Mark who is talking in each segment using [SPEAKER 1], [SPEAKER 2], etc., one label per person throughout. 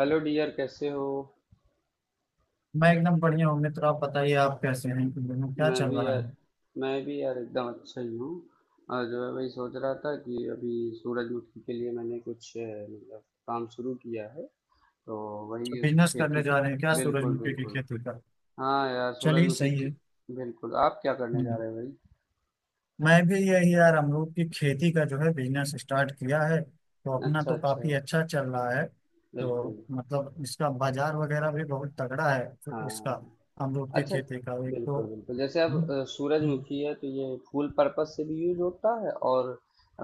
[SPEAKER 1] Hello dear, कैसे हो?
[SPEAKER 2] मैं एकदम बढ़िया हूँ मित्र। आप बताइए, आप कैसे हैं इन दिनों? क्या
[SPEAKER 1] मैं
[SPEAKER 2] चल
[SPEAKER 1] भी
[SPEAKER 2] रहा
[SPEAKER 1] यार
[SPEAKER 2] है?
[SPEAKER 1] मैं भी यार, एकदम अच्छा ही हूँ। और जो है, वही सोच रहा था कि अभी सूरजमुखी के लिए मैंने कुछ मतलब काम शुरू किया है। तो वही उसकी
[SPEAKER 2] बिजनेस करने जा रहे हैं क्या
[SPEAKER 1] बिल्कुल,
[SPEAKER 2] सूरजमुखी की
[SPEAKER 1] बिल्कुल।
[SPEAKER 2] खेती का?
[SPEAKER 1] हाँ यार,
[SPEAKER 2] चलिए,
[SPEAKER 1] सूरजमुखी
[SPEAKER 2] सही है।
[SPEAKER 1] की। बिल्कुल, आप क्या करने जा
[SPEAKER 2] हम्म।
[SPEAKER 1] रहे हो भाई?
[SPEAKER 2] मैं भी यही यार, अमरूद की खेती का जो है बिजनेस स्टार्ट किया है तो अपना
[SPEAKER 1] अच्छा,
[SPEAKER 2] तो
[SPEAKER 1] अच्छा।
[SPEAKER 2] काफी अच्छा चल रहा है, तो
[SPEAKER 1] बिल्कुल।
[SPEAKER 2] मतलब इसका बाजार वगैरह भी बहुत तगड़ा है तो उसका।
[SPEAKER 1] हाँ।
[SPEAKER 2] अमरूद की
[SPEAKER 1] अच्छा।
[SPEAKER 2] खेती का एक तो।
[SPEAKER 1] बिल्कुल, बिल्कुल। जैसे अब
[SPEAKER 2] हम्म, हम्म,
[SPEAKER 1] सूरजमुखी है तो ये फूल पर्पस से भी यूज होता है, और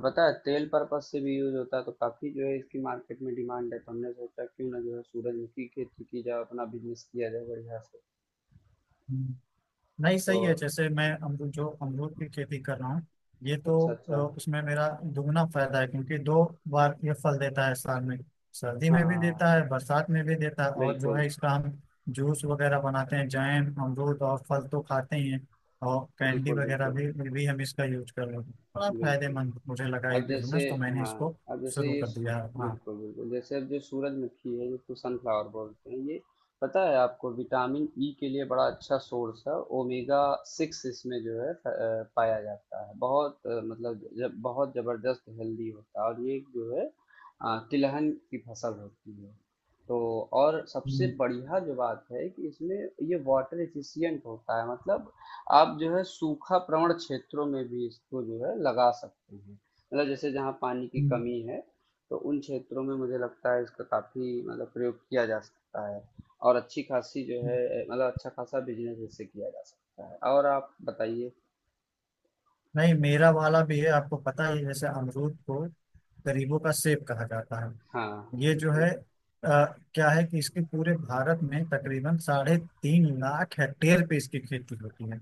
[SPEAKER 1] पता है तेल पर्पस से भी यूज होता है। तो काफी जो है इसकी मार्केट में डिमांड है। तो हमने सोचा क्यों ना जो है सूरजमुखी की खेती की जाए, अपना बिजनेस किया जाए बढ़िया से।
[SPEAKER 2] हम्म। नहीं,
[SPEAKER 1] तो
[SPEAKER 2] सही है। जैसे मैं अमरूद जो अमरूद की खेती कर रहा हूँ, ये तो
[SPEAKER 1] अच्छा, अच्छा।
[SPEAKER 2] उसमें मेरा दुगना फायदा है, क्योंकि दो बार ये फल देता है साल में। सर्दी में भी देता है,
[SPEAKER 1] हाँ।
[SPEAKER 2] बरसात में भी देता है, और जो है
[SPEAKER 1] बिल्कुल,
[SPEAKER 2] इसका हम जूस वगैरह बनाते हैं, जैम, अमरूद और फल तो खाते ही हैं, और कैंडी
[SPEAKER 1] बिल्कुल।
[SPEAKER 2] वगैरह
[SPEAKER 1] बिल्कुल,
[SPEAKER 2] भी हम इसका यूज कर रहे हैं। बड़ा
[SPEAKER 1] बिल्कुल।
[SPEAKER 2] फायदेमंद मुझे लगा ये
[SPEAKER 1] अब जैसे,
[SPEAKER 2] बिजनेस, तो मैंने
[SPEAKER 1] हाँ,
[SPEAKER 2] इसको
[SPEAKER 1] अब जैसे
[SPEAKER 2] शुरू
[SPEAKER 1] ये
[SPEAKER 2] कर दिया है, हाँ।
[SPEAKER 1] बिल्कुल, बिल्कुल। जैसे अब जो सूरजमुखी है, जिसको सनफ्लावर बोलते हैं, ये पता है आपको विटामिन ई के लिए बड़ा अच्छा सोर्स है। ओमेगा सिक्स इसमें जो है पाया जाता है। बहुत मतलब जब बहुत जबरदस्त हेल्दी होता है। और ये जो है तिलहन की फसल होती है। तो और सबसे
[SPEAKER 2] हम्म,
[SPEAKER 1] बढ़िया जो बात है कि इसमें ये वाटर एफिशिएंट होता है। मतलब आप जो है सूखा प्रवण क्षेत्रों में भी इसको जो है लगा सकते हैं। मतलब जैसे जहाँ पानी की
[SPEAKER 2] हम्म,
[SPEAKER 1] कमी है, तो उन क्षेत्रों में मुझे लगता है इसका काफी मतलब प्रयोग किया जा सकता है। और अच्छी खासी जो
[SPEAKER 2] हम्म।
[SPEAKER 1] है, मतलब अच्छा खासा बिजनेस इससे किया जा सकता है। और आप बताइए?
[SPEAKER 2] नहीं, मेरा वाला भी है, आपको पता ही है, जैसे अमरूद को गरीबों का सेब कहा जाता है।
[SPEAKER 1] हाँ, हाँ,
[SPEAKER 2] ये जो है
[SPEAKER 1] बिल्कुल।
[SPEAKER 2] आ, क्या है कि इसके पूरे भारत में तकरीबन 3.5 लाख हेक्टेयर पे इसकी खेती होती है।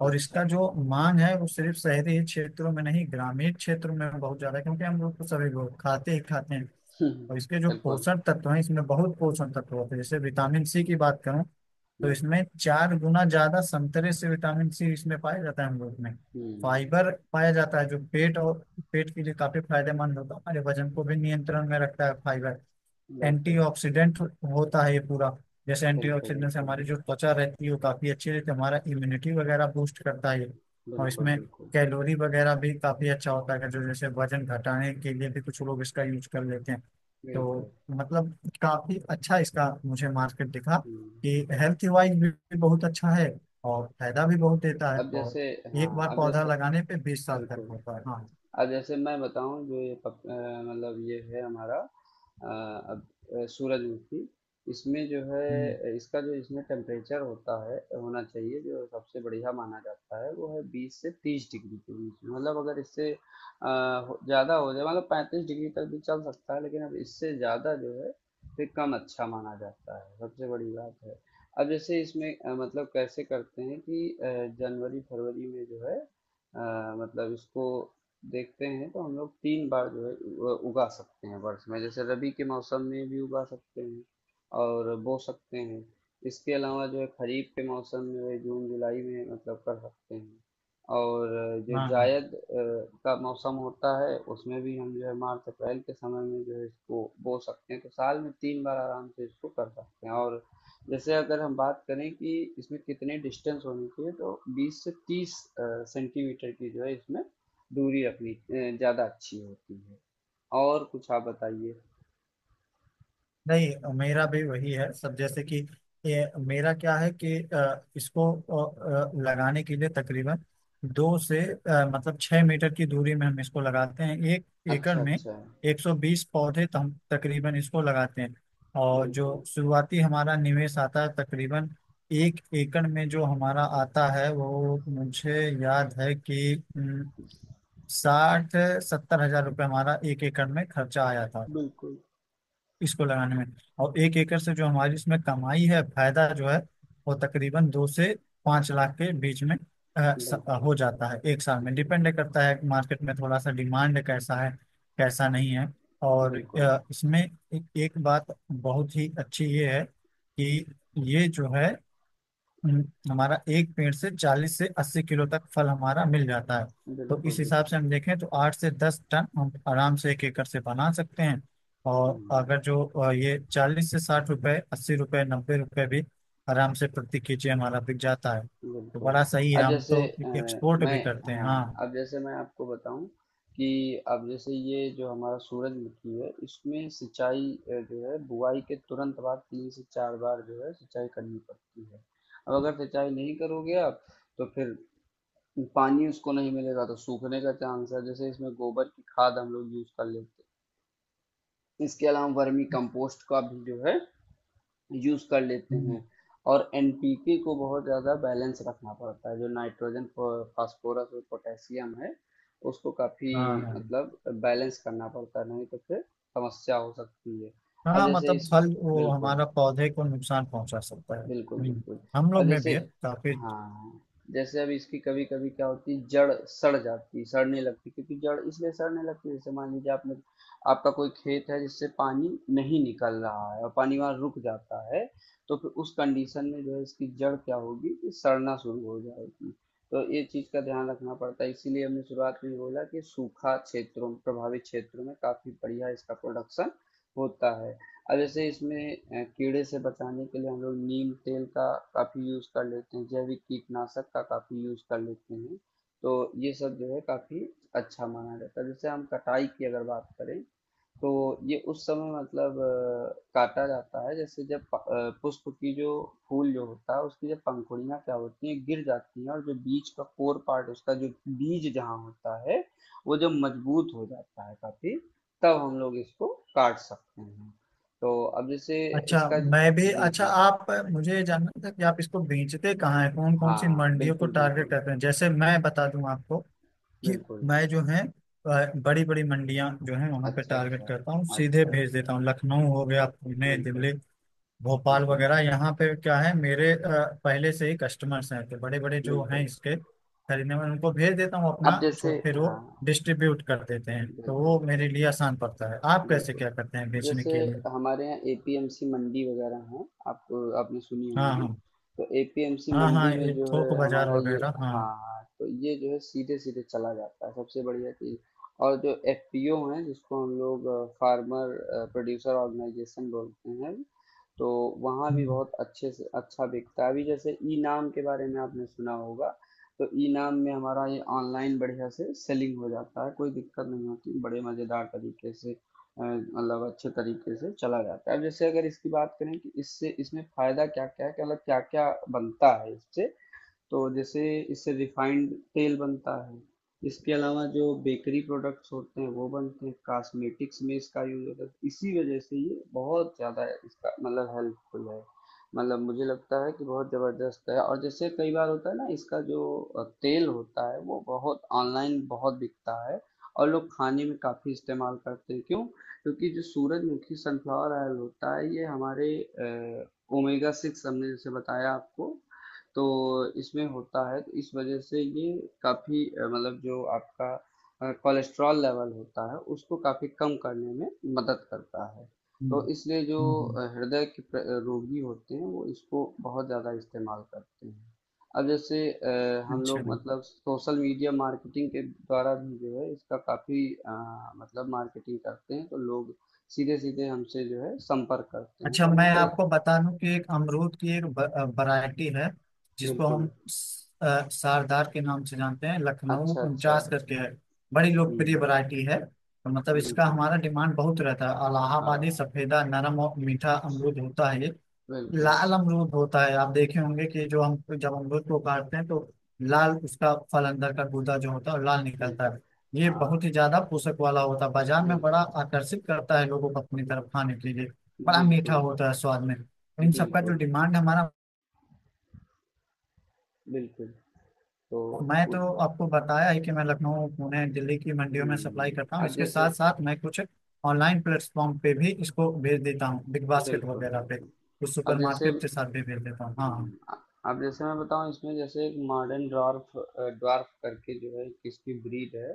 [SPEAKER 2] और
[SPEAKER 1] अच्छा,
[SPEAKER 2] इसका जो
[SPEAKER 1] अच्छा।
[SPEAKER 2] मांग है वो सिर्फ शहरी क्षेत्रों में नहीं, ग्रामीण क्षेत्रों में बहुत ज्यादा है, क्योंकि हम लोग तो सभी लोग खाते ही खाते हैं।
[SPEAKER 1] हम्म,
[SPEAKER 2] और इसके जो
[SPEAKER 1] बिल्कुल,
[SPEAKER 2] पोषण तत्व हैं इसमें बहुत पोषण तत्व होते हैं। जैसे विटामिन सी की बात करूं, तो इसमें
[SPEAKER 1] बिल्कुल।
[SPEAKER 2] चार गुना ज्यादा संतरे से विटामिन सी इसमें पाया जाता है। हम लोग में
[SPEAKER 1] हम्म।
[SPEAKER 2] फाइबर पाया जाता है, जो पेट और पेट के लिए काफी फायदेमंद होता है, हमारे वजन को भी नियंत्रण में रखता है फाइबर।
[SPEAKER 1] बिल्कुल,
[SPEAKER 2] एंटीऑक्सीडेंट होता है ये पूरा, जैसे
[SPEAKER 1] बिल्कुल।
[SPEAKER 2] एंटीऑक्सीडेंट से
[SPEAKER 1] बिल्कुल,
[SPEAKER 2] हमारी जो त्वचा रहती है वो काफी अच्छी रहती है, हमारा इम्यूनिटी वगैरह बूस्ट करता है ये। और
[SPEAKER 1] बिल्कुल।
[SPEAKER 2] इसमें
[SPEAKER 1] बिल्कुल,
[SPEAKER 2] कैलोरी वगैरह भी काफी अच्छा होता है, जो जैसे वजन घटाने के लिए भी कुछ लोग इसका यूज कर लेते हैं। तो
[SPEAKER 1] बिल्कुल।
[SPEAKER 2] मतलब काफी अच्छा इसका मुझे मार्केट दिखा, कि
[SPEAKER 1] हम्म।
[SPEAKER 2] हेल्थ वाइज भी बहुत अच्छा है, और फायदा भी बहुत देता है,
[SPEAKER 1] अब
[SPEAKER 2] और
[SPEAKER 1] जैसे, हाँ,
[SPEAKER 2] एक बार
[SPEAKER 1] अब
[SPEAKER 2] पौधा
[SPEAKER 1] जैसे,
[SPEAKER 2] लगाने पे 20 साल तक
[SPEAKER 1] बिल्कुल।
[SPEAKER 2] होता है, हाँ।
[SPEAKER 1] अब जैसे मैं बताऊं जो ये मतलब ये है हमारा अ, अब सूरजमुखी। इसमें जो
[SPEAKER 2] हम्म,
[SPEAKER 1] है, इसका जो इसमें टेम्परेचर होता है, होना चाहिए, जो सबसे बढ़िया माना जाता है, वो है 20 से 30 डिग्री के बीच में। मतलब अगर इससे ज़्यादा हो जाए, मतलब 35 डिग्री तक भी चल सकता है, लेकिन अब इससे ज़्यादा जो है फिर कम अच्छा माना जाता है। सबसे बड़ी बात है। अब जैसे इसमें मतलब कैसे करते हैं कि जनवरी फरवरी में जो है मतलब इसको देखते हैं, तो हम लोग 3 बार जो है उगा सकते हैं वर्ष में। जैसे रबी के मौसम में भी उगा सकते हैं और बो सकते हैं। इसके अलावा जो है खरीफ के मौसम में जो है जून जुलाई में मतलब कर सकते हैं। और जो
[SPEAKER 2] हाँ, हाँ।
[SPEAKER 1] जायद का मौसम होता है, उसमें भी हम जो है मार्च अप्रैल के समय में जो है इसको बो सकते हैं। तो साल में 3 बार आराम से इसको कर सकते हैं। और जैसे अगर हम बात करें कि इसमें कितने डिस्टेंस होनी चाहिए, तो 20 से 30 सेंटीमीटर की जो है इसमें दूरी रखनी ज़्यादा अच्छी होती है। और कुछ आप बताइए?
[SPEAKER 2] नहीं, मेरा भी वही है सब, जैसे कि ये मेरा क्या है कि इसको लगाने के लिए तकरीबन दो से 6 मीटर की दूरी में हम इसको लगाते हैं। एक एकड़
[SPEAKER 1] अच्छा,
[SPEAKER 2] में
[SPEAKER 1] अच्छा।
[SPEAKER 2] 120 पौधे तो हम तकरीबन इसको लगाते हैं। और
[SPEAKER 1] बिल्कुल,
[SPEAKER 2] जो शुरुआती हमारा निवेश आता है तकरीबन एक एकड़ में, जो हमारा आता है वो मुझे याद है कि 60-70 हजार रुपये हमारा एक एकड़ में खर्चा आया था
[SPEAKER 1] बिल्कुल,
[SPEAKER 2] इसको लगाने में। और एक एकड़ से जो हमारी इसमें कमाई है, फायदा जो है वो तकरीबन 2 से 5 लाख के बीच में
[SPEAKER 1] बिल्कुल।
[SPEAKER 2] हो जाता है एक साल में।
[SPEAKER 1] जी,
[SPEAKER 2] डिपेंड करता है मार्केट में थोड़ा सा, डिमांड कैसा है, कैसा नहीं है। और
[SPEAKER 1] बिल्कुल,
[SPEAKER 2] इसमें एक बात बहुत ही अच्छी ये है कि ये जो है, हमारा एक पेड़ से 40-80 किलो तक फल हमारा मिल जाता है। तो इस
[SPEAKER 1] बिल्कुल,
[SPEAKER 2] हिसाब से
[SPEAKER 1] बिल्कुल।
[SPEAKER 2] हम देखें तो 8-10 टन हम आराम से एक एकड़ से बना सकते हैं। और
[SPEAKER 1] हुँ,
[SPEAKER 2] अगर जो ये 40-60 रुपए, 80 रुपए, 90 रुपए भी आराम से प्रति केजी हमारा बिक जाता है। तो
[SPEAKER 1] बिल्कुल।
[SPEAKER 2] बड़ा सही है,
[SPEAKER 1] अब
[SPEAKER 2] हम
[SPEAKER 1] जैसे
[SPEAKER 2] तो एक्सपोर्ट
[SPEAKER 1] मैं,
[SPEAKER 2] भी करते हैं,
[SPEAKER 1] हाँ,
[SPEAKER 2] हाँ।
[SPEAKER 1] अब जैसे मैं आपको बताऊँ कि अब जैसे ये जो हमारा सूरजमुखी है, इसमें सिंचाई जो है बुआई के तुरंत बाद 3 से 4 बार जो है सिंचाई करनी पड़ती है। अब अगर सिंचाई नहीं करोगे आप, तो फिर पानी उसको नहीं मिलेगा तो सूखने का चांस है। जैसे इसमें गोबर की खाद हम लोग यूज कर लेते हैं, इसके अलावा वर्मी कंपोस्ट का भी जो है यूज कर लेते
[SPEAKER 2] हम्म,
[SPEAKER 1] हैं। और एनपीके को बहुत ज्यादा बैलेंस रखना पड़ता है, जो नाइट्रोजन फास्फोरस और पोटेशियम है, उसको काफी
[SPEAKER 2] हाँ,
[SPEAKER 1] मतलब बैलेंस करना पड़ता है, नहीं तो फिर समस्या हो सकती है।
[SPEAKER 2] हाँ,
[SPEAKER 1] अब
[SPEAKER 2] हाँ,
[SPEAKER 1] जैसे
[SPEAKER 2] मतलब
[SPEAKER 1] इस
[SPEAKER 2] फल वो
[SPEAKER 1] बिल्कुल,
[SPEAKER 2] हमारा पौधे को नुकसान पहुंचा सकता है।
[SPEAKER 1] बिल्कुल, बिल्कुल।
[SPEAKER 2] हम
[SPEAKER 1] अब
[SPEAKER 2] लोग में
[SPEAKER 1] जैसे,
[SPEAKER 2] भी है काफी।
[SPEAKER 1] हाँ, जैसे अब इसकी कभी-कभी क्या होती है, जड़ सड़ जाती है, सड़ने लगती है। क्योंकि जड़ इसलिए सड़ने लगती है, जैसे मान लीजिए आपने आपका कोई खेत है जिससे पानी नहीं निकल रहा है, और पानी वहाँ रुक जाता है, तो फिर उस कंडीशन में जो है इसकी जड़ क्या होगी कि सड़ना शुरू हो जाएगी। तो ये चीज़ का ध्यान रखना पड़ता है। इसीलिए हमने शुरुआत में बोला कि सूखा क्षेत्रों प्रभावित क्षेत्रों में काफ़ी बढ़िया इसका प्रोडक्शन होता है। अब जैसे इसमें कीड़े से बचाने के लिए हम लोग नीम तेल का काफ़ी यूज़ कर लेते हैं, जैविक कीटनाशक का काफ़ी यूज़ कर लेते हैं। तो ये सब जो है काफ़ी अच्छा माना जाता है। जैसे हम कटाई की अगर बात करें, तो ये उस समय मतलब काटा जाता है, जैसे जब पुष्प की जो फूल जो होता है, उसकी जब पंखुड़ियाँ क्या होती हैं गिर जाती हैं, और जो बीच का कोर पार्ट उसका जो बीज जहाँ होता है, वो जब मजबूत हो जाता है काफी, तब हम लोग इसको काट सकते हैं। तो अब जैसे
[SPEAKER 2] अच्छा,
[SPEAKER 1] इसका
[SPEAKER 2] मैं भी।
[SPEAKER 1] जी,
[SPEAKER 2] अच्छा,
[SPEAKER 1] जी।
[SPEAKER 2] आप, मुझे ये जानना था कि आप इसको बेचते कहाँ हैं, कौन कौन सी
[SPEAKER 1] हाँ,
[SPEAKER 2] मंडियों को
[SPEAKER 1] बिल्कुल,
[SPEAKER 2] टारगेट
[SPEAKER 1] बिल्कुल,
[SPEAKER 2] करते हैं? जैसे मैं बता दूं आपको कि
[SPEAKER 1] बिल्कुल।
[SPEAKER 2] मैं जो है बड़ी बड़ी मंडियां जो है वहां पे
[SPEAKER 1] अच्छा, अच्छा,
[SPEAKER 2] टारगेट करता हूँ, सीधे
[SPEAKER 1] अच्छा,
[SPEAKER 2] भेज
[SPEAKER 1] अच्छा।
[SPEAKER 2] देता हूँ। लखनऊ हो गया, पुणे,
[SPEAKER 1] बिल्कुल,
[SPEAKER 2] दिल्ली, भोपाल
[SPEAKER 1] बिल्कुल,
[SPEAKER 2] वगैरह, यहाँ पे क्या है मेरे पहले से ही कस्टमर्स हैं। तो बड़े बड़े जो हैं
[SPEAKER 1] बिल्कुल।
[SPEAKER 2] इसके खरीदने वाले, उनको भेज देता हूँ अपना,
[SPEAKER 1] अब
[SPEAKER 2] छोड़,
[SPEAKER 1] जैसे,
[SPEAKER 2] फिर वो
[SPEAKER 1] हाँ,
[SPEAKER 2] डिस्ट्रीब्यूट कर देते हैं। तो वो
[SPEAKER 1] बिल्कुल,
[SPEAKER 2] मेरे लिए आसान पड़ता है। आप कैसे
[SPEAKER 1] बिल्कुल।
[SPEAKER 2] क्या करते हैं बेचने
[SPEAKER 1] जैसे
[SPEAKER 2] के लिए?
[SPEAKER 1] हमारे यहाँ एपीएमसी मंडी वगैरह हैं, आप आपने सुनी
[SPEAKER 2] हाँ,
[SPEAKER 1] होंगी।
[SPEAKER 2] हाँ,
[SPEAKER 1] तो एपीएमसी
[SPEAKER 2] हाँ, हाँ,
[SPEAKER 1] मंडी में
[SPEAKER 2] ये
[SPEAKER 1] जो
[SPEAKER 2] थोक
[SPEAKER 1] है
[SPEAKER 2] बाजार
[SPEAKER 1] हमारा ये,
[SPEAKER 2] वगैरह,
[SPEAKER 1] हाँ
[SPEAKER 2] हाँ।
[SPEAKER 1] हाँ, तो ये जो है सीधे-सीधे चला जाता है, सबसे बढ़िया चीज़। और जो एफपीओ हैं, जिसको हम लोग फार्मर प्रोड्यूसर ऑर्गेनाइजेशन बोलते हैं, तो वहाँ भी
[SPEAKER 2] हम्म,
[SPEAKER 1] बहुत अच्छे से अच्छा बिकता है। अभी जैसे ई नाम के बारे में आपने सुना होगा, तो ई नाम में हमारा ये ऑनलाइन बढ़िया से सेलिंग हो जाता है, कोई दिक्कत नहीं होती, बड़े मज़ेदार तरीके से मतलब अच्छे तरीके से चला जाता है। अब जैसे अगर इसकी बात करें कि इससे इसमें फायदा क्या क्या है, कि मतलब क्या क्या बनता है इससे, तो जैसे इससे रिफाइंड तेल बनता है, इसके अलावा जो बेकरी प्रोडक्ट्स होते हैं वो बनते हैं, कॉस्मेटिक्स में इसका यूज होता है। तो इसी वजह से ये बहुत ज़्यादा इसका मतलब हेल्पफुल है। मतलब मुझे लगता है कि बहुत ज़बरदस्त है। और जैसे कई बार होता है ना, इसका जो तेल होता है वो बहुत ऑनलाइन बहुत बिकता है, और लोग खाने में काफ़ी इस्तेमाल करते हैं। क्यों? क्योंकि जो सूरजमुखी सनफ्लावर ऑयल होता है, ये हमारे ओमेगा सिक्स हमने जैसे बताया आपको, तो इसमें होता है। तो इस वजह से ये काफ़ी मतलब जो आपका कोलेस्ट्रॉल लेवल होता है उसको काफ़ी कम करने में मदद करता है। तो
[SPEAKER 2] हम्म,
[SPEAKER 1] इसलिए जो
[SPEAKER 2] हम्म, हम्म,
[SPEAKER 1] हृदय के रोगी होते हैं, वो इसको बहुत ज़्यादा इस्तेमाल करते हैं। अब जैसे हम
[SPEAKER 2] अच्छा,
[SPEAKER 1] लोग मतलब सोशल मीडिया मार्केटिंग के द्वारा भी जो है इसका काफ़ी मतलब मार्केटिंग करते हैं, तो लोग सीधे सीधे हमसे जो है संपर्क करते हैं,
[SPEAKER 2] अच्छा।
[SPEAKER 1] तो हमने
[SPEAKER 2] मैं
[SPEAKER 1] कई
[SPEAKER 2] आपको बता दूं कि एक अमरूद की एक वैरायटी है जिसको
[SPEAKER 1] बिल्कुल,
[SPEAKER 2] हम सरदार के नाम से जानते हैं, लखनऊ
[SPEAKER 1] अच्छा, अच्छा।
[SPEAKER 2] उनचास करके है। बड़ी लोकप्रिय
[SPEAKER 1] हम्म,
[SPEAKER 2] वैरायटी है, और मतलब इसका
[SPEAKER 1] बिल्कुल।
[SPEAKER 2] हमारा डिमांड बहुत रहता है। इलाहाबादी
[SPEAKER 1] हाँ,
[SPEAKER 2] सफेदा नरम और मीठा अमरूद होता है ये।
[SPEAKER 1] बिल्कुल,
[SPEAKER 2] लाल अमरूद होता है, आप देखे होंगे कि जो हम जब अमरूद को काटते हैं तो लाल उसका फल, अंदर का गूदा जो होता है वो लाल निकलता
[SPEAKER 1] बिल्कुल।
[SPEAKER 2] है। ये बहुत
[SPEAKER 1] हाँ,
[SPEAKER 2] ही ज्यादा पोषक वाला होता है, बाजार में बड़ा
[SPEAKER 1] बिल्कुल,
[SPEAKER 2] आकर्षित करता है लोगों को अपनी तरफ खाने के लिए, बड़ा मीठा
[SPEAKER 1] बिल्कुल,
[SPEAKER 2] होता है स्वाद में। इन सबका जो
[SPEAKER 1] बिल्कुल,
[SPEAKER 2] डिमांड है हमारा।
[SPEAKER 1] बिल्कुल। तो
[SPEAKER 2] मैं तो आपको बताया ही कि मैं लखनऊ, पुणे, दिल्ली की मंडियों में सप्लाई
[SPEAKER 1] हुँ,
[SPEAKER 2] करता हूँ,
[SPEAKER 1] अब
[SPEAKER 2] इसके
[SPEAKER 1] जैसे
[SPEAKER 2] साथ साथ मैं कुछ ऑनलाइन प्लेटफॉर्म पे भी इसको भेज देता हूँ, बिग बास्केट
[SPEAKER 1] बिल्कुल,
[SPEAKER 2] वगैरह पे,
[SPEAKER 1] बिल्कुल।
[SPEAKER 2] कुछ सुपर
[SPEAKER 1] अब जैसे
[SPEAKER 2] मार्केट के साथ भी भेज देता हूँ, हाँ हाँ।
[SPEAKER 1] हुँ, अब जैसे मैं बताऊँ इसमें जैसे एक मॉडर्न ड्वार्फ करके जो है एक इसकी ब्रीड है,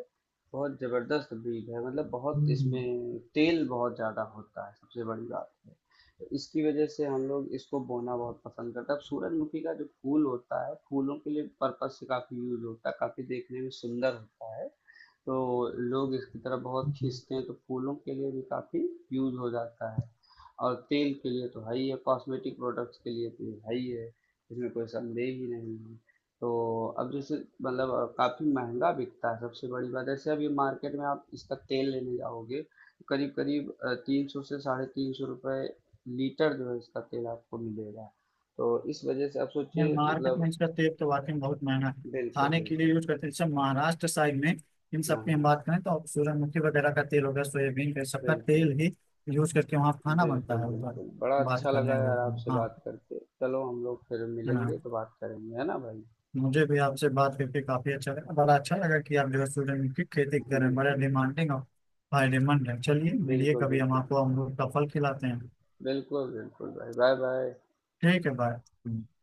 [SPEAKER 1] बहुत ज़बरदस्त ब्रीड है। मतलब बहुत
[SPEAKER 2] हम्म,
[SPEAKER 1] इसमें तेल बहुत ज़्यादा होता है, सबसे बड़ी बात है। तो इसकी वजह से हम लोग इसको बोना बहुत पसंद करते हैं। अब सूरजमुखी का जो फूल होता है, फूलों के लिए पर्पस से काफ़ी यूज़ होता है, काफ़ी देखने में सुंदर होता है। तो लोग इसकी तरफ बहुत
[SPEAKER 2] हम्म, हम्म।
[SPEAKER 1] खींचते हैं, तो फूलों के लिए भी काफ़ी यूज़ हो जाता है, और तेल के लिए तो है ही है, कॉस्मेटिक प्रोडक्ट्स के लिए तो ये है ही है, इसमें कोई संदेह ही नहीं है। तो अब जैसे मतलब काफ़ी महंगा बिकता है, सबसे बड़ी बात ऐसे अभी मार्केट में आप इसका तेल लेने जाओगे तो करीब करीब 300 से 350 रुपये लीटर जो है इसका तेल आपको मिलेगा। तो इस वजह से आप
[SPEAKER 2] है,
[SPEAKER 1] सोचिए
[SPEAKER 2] मार्केट
[SPEAKER 1] मतलब
[SPEAKER 2] में इसका तेल तो वाकई में बहुत महंगा है,
[SPEAKER 1] बिल्कुल,
[SPEAKER 2] खाने के लिए
[SPEAKER 1] बिल्कुल।
[SPEAKER 2] यूज करते हैं जैसे महाराष्ट्र साइड में। इन
[SPEAKER 1] हाँ,
[SPEAKER 2] सब की हम
[SPEAKER 1] हाँ,
[SPEAKER 2] बात करें तो सूरजमुखी वगैरह का तेल हो गया, सोयाबीन का, सबका
[SPEAKER 1] बिल्कुल।
[SPEAKER 2] तेल ही यूज करके वहाँ खाना बनता
[SPEAKER 1] बिल्कुल,
[SPEAKER 2] है, उधर।
[SPEAKER 1] बिल्कुल। बड़ा
[SPEAKER 2] बात
[SPEAKER 1] अच्छा
[SPEAKER 2] कर
[SPEAKER 1] लगा
[SPEAKER 2] लेंगे
[SPEAKER 1] यार
[SPEAKER 2] हम,
[SPEAKER 1] आपसे
[SPEAKER 2] हाँ,
[SPEAKER 1] बात करके। चलो हम लोग फिर मिलेंगे
[SPEAKER 2] हाँ।
[SPEAKER 1] तो बात करेंगे, है ना भाई?
[SPEAKER 2] मुझे भी आपसे बात करके काफी अच्छा लगा, बड़ा अच्छा लगा कि आप जो है सूरजमुखी खेती कर रहे हैं, बड़ा
[SPEAKER 1] बिल्कुल।
[SPEAKER 2] डिमांडिंग और फायदेमंद है। चलिए, मिलिए
[SPEAKER 1] बिल्कुल,
[SPEAKER 2] कभी, हम
[SPEAKER 1] बिल्कुल।
[SPEAKER 2] आपको अमरूद का फल खिलाते हैं।
[SPEAKER 1] बिल्कुल, बिल्कुल भाई। बाय-बाय।
[SPEAKER 2] ठीक है, बाय।